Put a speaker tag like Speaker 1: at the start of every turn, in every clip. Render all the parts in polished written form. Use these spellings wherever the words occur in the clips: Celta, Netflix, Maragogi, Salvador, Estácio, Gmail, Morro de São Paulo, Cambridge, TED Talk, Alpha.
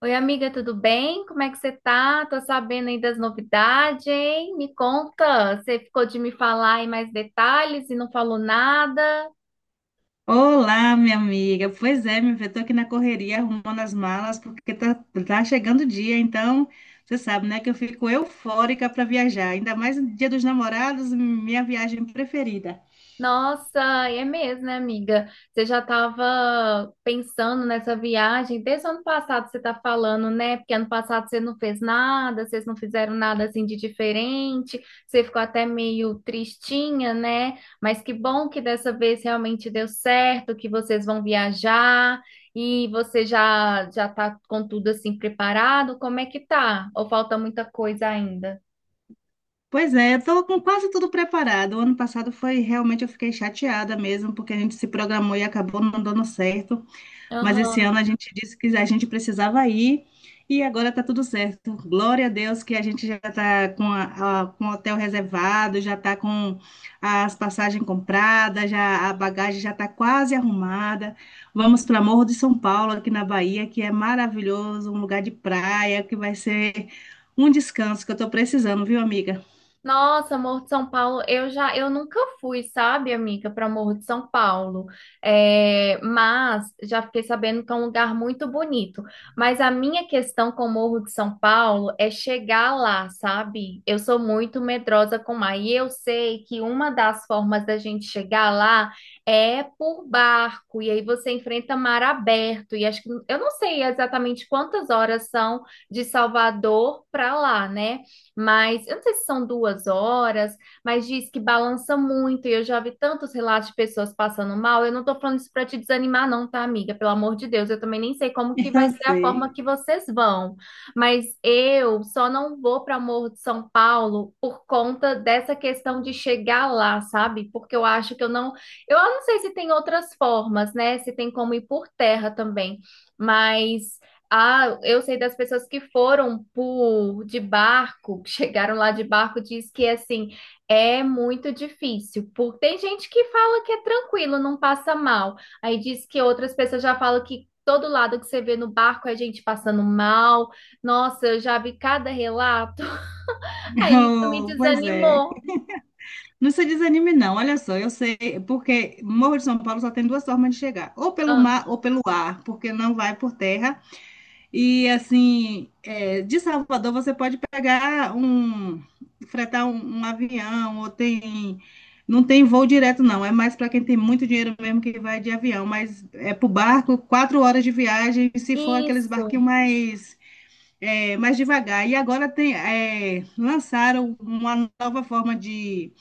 Speaker 1: Oi, amiga, tudo bem? Como é que você tá? Tô sabendo aí das novidades, hein? Me conta, você ficou de me falar aí mais detalhes e não falou nada?
Speaker 2: Olá, minha amiga. Pois é, minha filha, tô aqui na correria arrumando as malas porque tá chegando o dia, então você sabe, né, que eu fico eufórica para viajar, ainda mais no Dia dos Namorados, minha viagem preferida.
Speaker 1: Nossa, é mesmo, né, amiga? Você já estava pensando nessa viagem desde o ano passado, você está falando, né? Porque ano passado você não fez nada, vocês não fizeram nada assim de diferente, você ficou até meio tristinha, né? Mas que bom que dessa vez realmente deu certo, que vocês vão viajar e você já já está com tudo assim preparado. Como é que tá? Ou falta muita coisa ainda?
Speaker 2: Pois é, eu tô com quase tudo preparado. O ano passado foi realmente eu fiquei chateada mesmo porque a gente se programou e acabou não dando certo. Mas esse
Speaker 1: Aham.
Speaker 2: ano a gente disse que a gente precisava ir e agora está tudo certo. Glória a Deus que a gente já está com o hotel reservado, já está com as passagens compradas, já a bagagem já está quase arrumada. Vamos para Morro de São Paulo, aqui na Bahia, que é maravilhoso, um lugar de praia, que vai ser um descanso que eu estou precisando, viu, amiga?
Speaker 1: Nossa, Morro de São Paulo, eu nunca fui, sabe, amiga, para Morro de São Paulo. É, mas já fiquei sabendo que é um lugar muito bonito. Mas a minha questão com o Morro de São Paulo é chegar lá, sabe? Eu sou muito medrosa com o mar e eu sei que uma das formas da gente chegar lá é por barco e aí você enfrenta mar aberto e acho que eu não sei exatamente quantas horas são de Salvador para lá, né? Mas eu não sei se são duas horas, mas diz que balança muito, e eu já vi tantos relatos de pessoas passando mal. Eu não tô falando isso para te desanimar, não, tá, amiga? Pelo amor de Deus, eu também nem sei como que vai
Speaker 2: Eu
Speaker 1: ser a
Speaker 2: sei.
Speaker 1: forma que vocês vão, mas eu só não vou para Morro de São Paulo por conta dessa questão de chegar lá, sabe? Porque eu acho que eu não. Eu não sei se tem outras formas, né? Se tem como ir por terra também, mas. Ah, eu sei das pessoas que foram por de barco, que chegaram lá de barco, diz que assim é muito difícil. Porque tem gente que fala que é tranquilo, não passa mal. Aí diz que outras pessoas já falam que todo lado que você vê no barco é gente passando mal. Nossa, eu já vi cada relato. Aí isso me
Speaker 2: Oh, pois é.
Speaker 1: desanimou.
Speaker 2: Não se desanime, não. Olha só, eu sei, porque Morro de São Paulo só tem duas formas de chegar, ou pelo
Speaker 1: Ah,
Speaker 2: mar ou pelo ar, porque não vai por terra. E assim, de Salvador você pode pegar um, fretar um avião, ou tem, não tem voo direto, não. É mais para quem tem muito dinheiro mesmo que vai de avião, mas é para barco, 4 horas de viagem, se for aqueles
Speaker 1: isso.
Speaker 2: barquinhos mais devagar. E agora tem, lançaram uma nova forma de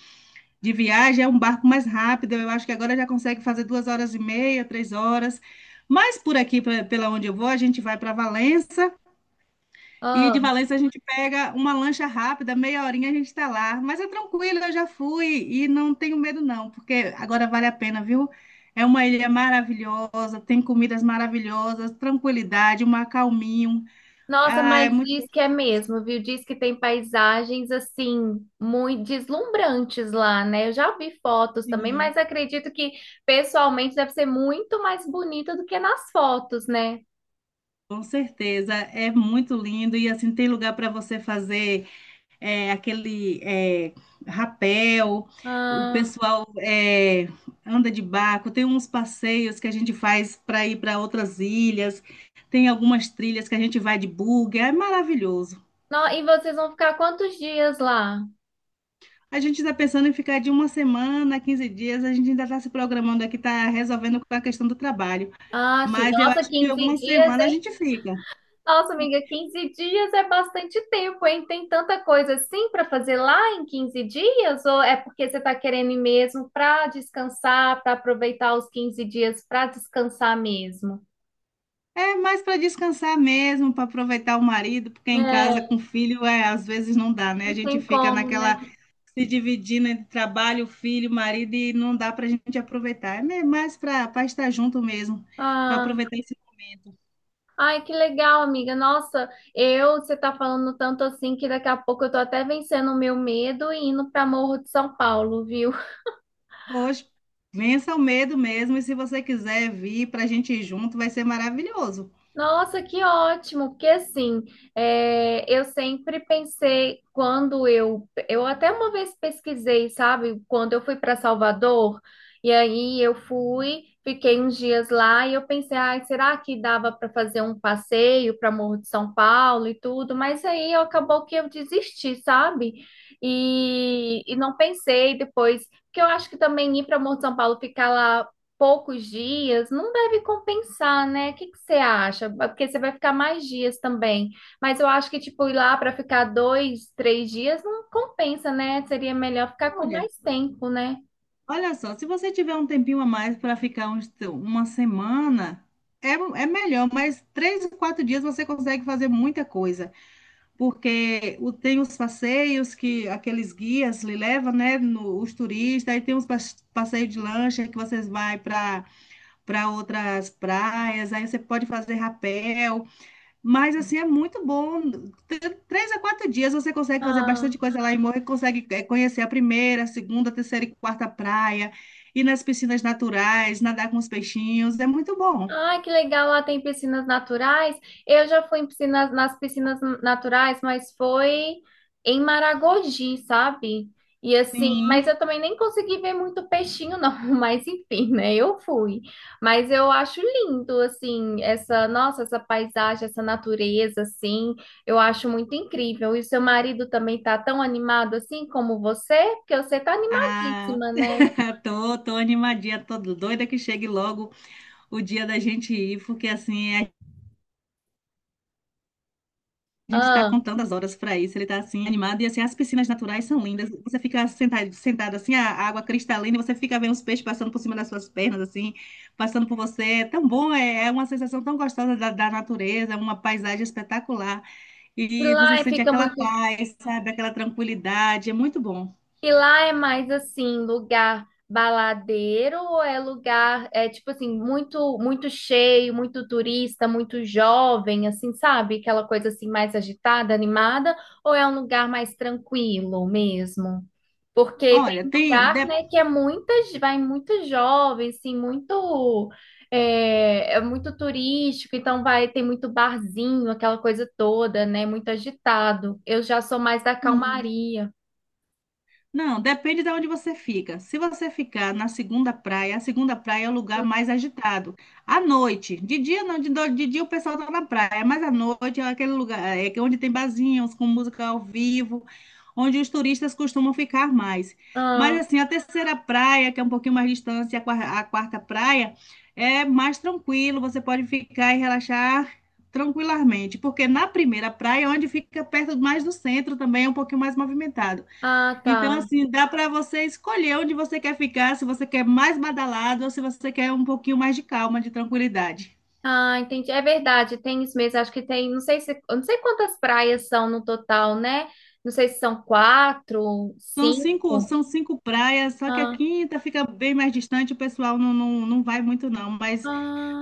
Speaker 2: de viagem, é um barco mais rápido. Eu acho que agora já consegue fazer 2 horas e meia, 3 horas. Mas por aqui, pela onde eu vou, a gente vai para Valença e de
Speaker 1: Ah.
Speaker 2: Valença a gente pega uma lancha rápida, meia horinha a gente está lá. Mas é tranquilo, eu já fui e não tenho medo não, porque agora vale a pena, viu? É uma ilha maravilhosa, tem comidas maravilhosas, tranquilidade, um acalminho.
Speaker 1: Nossa,
Speaker 2: Ah, é
Speaker 1: mas
Speaker 2: muito
Speaker 1: diz que é
Speaker 2: gostoso.
Speaker 1: mesmo, viu? Diz que tem paisagens assim muito deslumbrantes lá, né? Eu já vi fotos também,
Speaker 2: Sim,
Speaker 1: mas acredito que pessoalmente deve ser muito mais bonita do que nas fotos, né?
Speaker 2: com certeza. É muito lindo e assim tem lugar para você fazer aquele rapel, o
Speaker 1: Ah,
Speaker 2: pessoal anda de barco, tem uns passeios que a gente faz para ir para outras ilhas, tem algumas trilhas que a gente vai de buggy, é maravilhoso.
Speaker 1: não, e vocês vão ficar quantos dias lá?
Speaker 2: A gente está pensando em ficar de uma semana, 15 dias, a gente ainda está se programando aqui, está resolvendo com a questão do trabalho.
Speaker 1: Ah, sim.
Speaker 2: Mas eu
Speaker 1: Nossa,
Speaker 2: acho que
Speaker 1: quinze
Speaker 2: alguma
Speaker 1: dias
Speaker 2: semana a gente fica.
Speaker 1: Nossa, amiga, 15 dias é bastante tempo, hein? Tem tanta coisa assim para fazer lá em 15 dias? Ou é porque você está querendo ir mesmo para descansar, para aproveitar os 15 dias para descansar mesmo?
Speaker 2: É mais para descansar mesmo, para aproveitar o marido, porque em
Speaker 1: É,
Speaker 2: casa com filho, é, às vezes não dá, né? A
Speaker 1: não
Speaker 2: gente
Speaker 1: tem
Speaker 2: fica
Speaker 1: como, né?
Speaker 2: naquela se dividindo entre trabalho, filho, marido, e não dá para a gente aproveitar. É mais para estar junto mesmo, para
Speaker 1: Ah,
Speaker 2: aproveitar esse momento.
Speaker 1: ai, que legal, amiga. Nossa, você tá falando tanto assim que daqui a pouco eu tô até vencendo o meu medo e indo para Morro de São Paulo, viu?
Speaker 2: Hoje, vença o medo mesmo, e se você quiser vir para a gente ir junto, vai ser maravilhoso.
Speaker 1: Nossa, que ótimo, porque assim, é, eu sempre pensei quando eu até uma vez pesquisei, sabe, quando eu fui para Salvador, e aí eu fui, fiquei uns dias lá e eu pensei, ai, será que dava para fazer um passeio para Morro de São Paulo e tudo, mas aí acabou que eu desisti, sabe? E não pensei depois, porque eu acho que também ir para Morro de São Paulo, ficar lá poucos dias, não deve compensar, né? O que que você acha? Porque você vai ficar mais dias também. Mas eu acho que, tipo, ir lá para ficar dois, três dias não compensa, né? Seria melhor ficar com
Speaker 2: Olha,
Speaker 1: mais tempo, né?
Speaker 2: olha só, se você tiver um tempinho a mais para ficar uma semana, é, é melhor, mas 3, 4 dias você consegue fazer muita coisa. Porque tem os passeios que aqueles guias lhe levam, né, os turistas, aí tem os passeios de lancha que vocês vai para outras praias, aí você pode fazer rapel, mas assim é muito bom. 3 a 4 dias você consegue fazer bastante
Speaker 1: Ah.
Speaker 2: coisa lá em Morro, consegue conhecer a primeira, a segunda, a terceira e quarta praia, ir nas piscinas naturais, nadar com os peixinhos, é muito bom.
Speaker 1: Ah, que legal, lá tem piscinas naturais. Eu já fui em piscinas, nas piscinas naturais, mas foi em Maragogi, sabe? E assim,
Speaker 2: Sim.
Speaker 1: mas eu também nem consegui ver muito peixinho, não. Mas enfim, né? Eu fui. Mas eu acho lindo, assim, essa, nossa, essa paisagem, essa natureza, assim, eu acho muito incrível. E seu marido também tá tão animado assim como você, porque você tá
Speaker 2: Ah,
Speaker 1: animadíssima, né?
Speaker 2: tô animadinha, tô doida que chegue logo o dia da gente ir, porque assim, a gente tá
Speaker 1: Ah,
Speaker 2: contando as horas para isso, ele tá assim animado e assim, as piscinas naturais são lindas. Você fica sentado, sentado assim, a água cristalina, e você fica vendo os peixes passando por cima das suas pernas assim, passando por você. É tão bom, é uma sensação tão gostosa da natureza, uma paisagem espetacular.
Speaker 1: e
Speaker 2: E você
Speaker 1: lá
Speaker 2: sente
Speaker 1: fica
Speaker 2: aquela
Speaker 1: muito.
Speaker 2: paz, sabe, aquela tranquilidade, é muito bom.
Speaker 1: E lá é mais assim, lugar baladeiro ou é lugar, é tipo assim, muito cheio, muito turista, muito jovem, assim, sabe? Aquela coisa assim mais agitada, animada, ou é um lugar mais tranquilo mesmo? Porque tem
Speaker 2: Olha,
Speaker 1: um lugar, né, que é muitas, vai muito jovem, assim, muito é, é muito turístico, então vai tem muito barzinho, aquela coisa toda, né, muito agitado. Eu já sou mais da
Speaker 2: hum,
Speaker 1: calmaria.
Speaker 2: Não, depende de onde você fica. Se você ficar na segunda praia, a segunda praia é o lugar mais agitado. À noite, de dia não, de dia o pessoal tá na praia, mas à noite é aquele lugar é que onde tem barzinhos com música ao vivo, onde os turistas costumam ficar mais. Mas
Speaker 1: Ah.
Speaker 2: assim, a terceira praia, que é um pouquinho mais distante, a a quarta praia, é mais tranquilo, você pode ficar e relaxar tranquilamente, porque na primeira praia, é onde fica perto mais do centro, também é um pouquinho mais movimentado.
Speaker 1: Ah,
Speaker 2: Então,
Speaker 1: tá.
Speaker 2: assim, dá para você escolher onde você quer ficar, se você quer mais badalado ou se você quer um pouquinho mais de calma, de tranquilidade.
Speaker 1: Ah, entendi. É verdade, tem isso mesmo. Acho que tem, não sei se, eu não sei quantas praias são no total, né? Não sei se são quatro, cinco.
Speaker 2: São cinco praias, só que a
Speaker 1: Ah,
Speaker 2: quinta fica bem mais distante, o pessoal não vai muito, não. Mas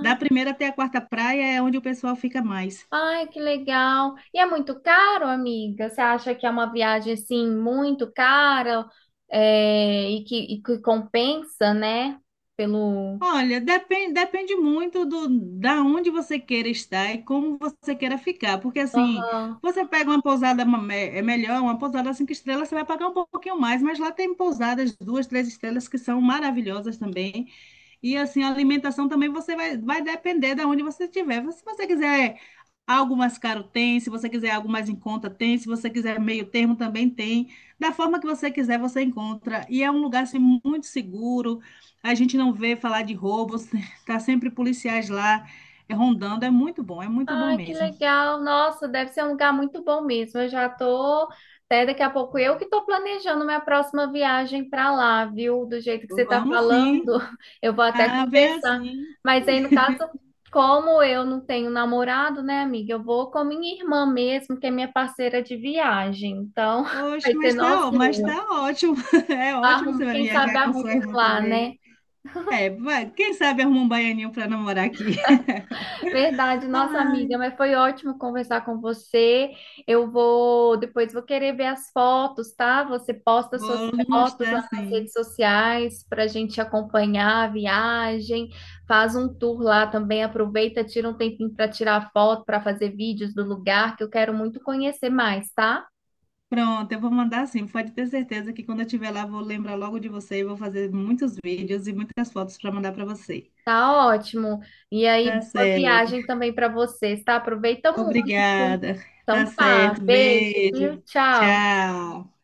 Speaker 2: da primeira até a quarta praia é onde o pessoal fica mais.
Speaker 1: ai, que legal. E é muito caro, amiga? Você acha que é uma viagem assim muito cara, e que compensa, né? Pelo.
Speaker 2: Olha, depende muito do da onde você queira estar e como você queira ficar, porque assim,
Speaker 1: Aham.
Speaker 2: você pega uma pousada é melhor, uma pousada cinco estrelas, você vai pagar um pouquinho mais, mas lá tem pousadas duas, três estrelas que são maravilhosas também. E assim, a alimentação também você vai depender da onde você estiver. Se você quiser algo mais caro tem, se você quiser algo mais em conta tem, se você quiser meio termo também tem. Da forma que você quiser, você encontra. E é um lugar assim, muito seguro. A gente não vê falar de roubos, tá sempre policiais lá rondando. É muito bom
Speaker 1: Ai, que
Speaker 2: mesmo.
Speaker 1: legal. Nossa, deve ser um lugar muito bom mesmo. Eu já tô, até daqui a pouco eu que tô planejando minha próxima viagem para lá, viu? Do jeito que você tá
Speaker 2: Vamos
Speaker 1: falando,
Speaker 2: sim.
Speaker 1: eu vou até
Speaker 2: Ah, vem
Speaker 1: conversar.
Speaker 2: assim.
Speaker 1: Mas aí, no caso, como eu não tenho namorado, né, amiga? Eu vou com minha irmã mesmo, que é minha parceira de viagem. Então, vai
Speaker 2: Oxe,
Speaker 1: ser
Speaker 2: mas
Speaker 1: nós
Speaker 2: tá, ó- mas tá
Speaker 1: duas.
Speaker 2: ótimo. É ótimo, você
Speaker 1: Arrum,
Speaker 2: vai
Speaker 1: quem sabe
Speaker 2: viajar com sua
Speaker 1: arrumam
Speaker 2: irmã
Speaker 1: lá,
Speaker 2: também.
Speaker 1: né?
Speaker 2: É, vai, quem sabe arruma um baianinho para namorar aqui.
Speaker 1: Verdade, nossa amiga,
Speaker 2: Ai,
Speaker 1: mas foi ótimo conversar com você. Eu vou, depois vou querer ver as fotos, tá? Você posta suas
Speaker 2: vou lhe
Speaker 1: fotos lá
Speaker 2: mostrar
Speaker 1: nas
Speaker 2: sim.
Speaker 1: redes sociais para a gente acompanhar a viagem, faz um tour lá também, aproveita, tira um tempinho para tirar foto, para fazer vídeos do lugar, que eu quero muito conhecer mais, tá?
Speaker 2: Pronto, eu vou mandar sim. Pode ter certeza que quando eu estiver lá, vou lembrar logo de você e vou fazer muitos vídeos e muitas fotos para mandar para você.
Speaker 1: Tá ótimo. E aí,
Speaker 2: Tá
Speaker 1: boa
Speaker 2: certo.
Speaker 1: viagem também para vocês, tá? Aproveita muito.
Speaker 2: Obrigada. Tá
Speaker 1: Então tá,
Speaker 2: certo.
Speaker 1: beijo, viu?
Speaker 2: Beijo.
Speaker 1: Tchau.
Speaker 2: Tchau.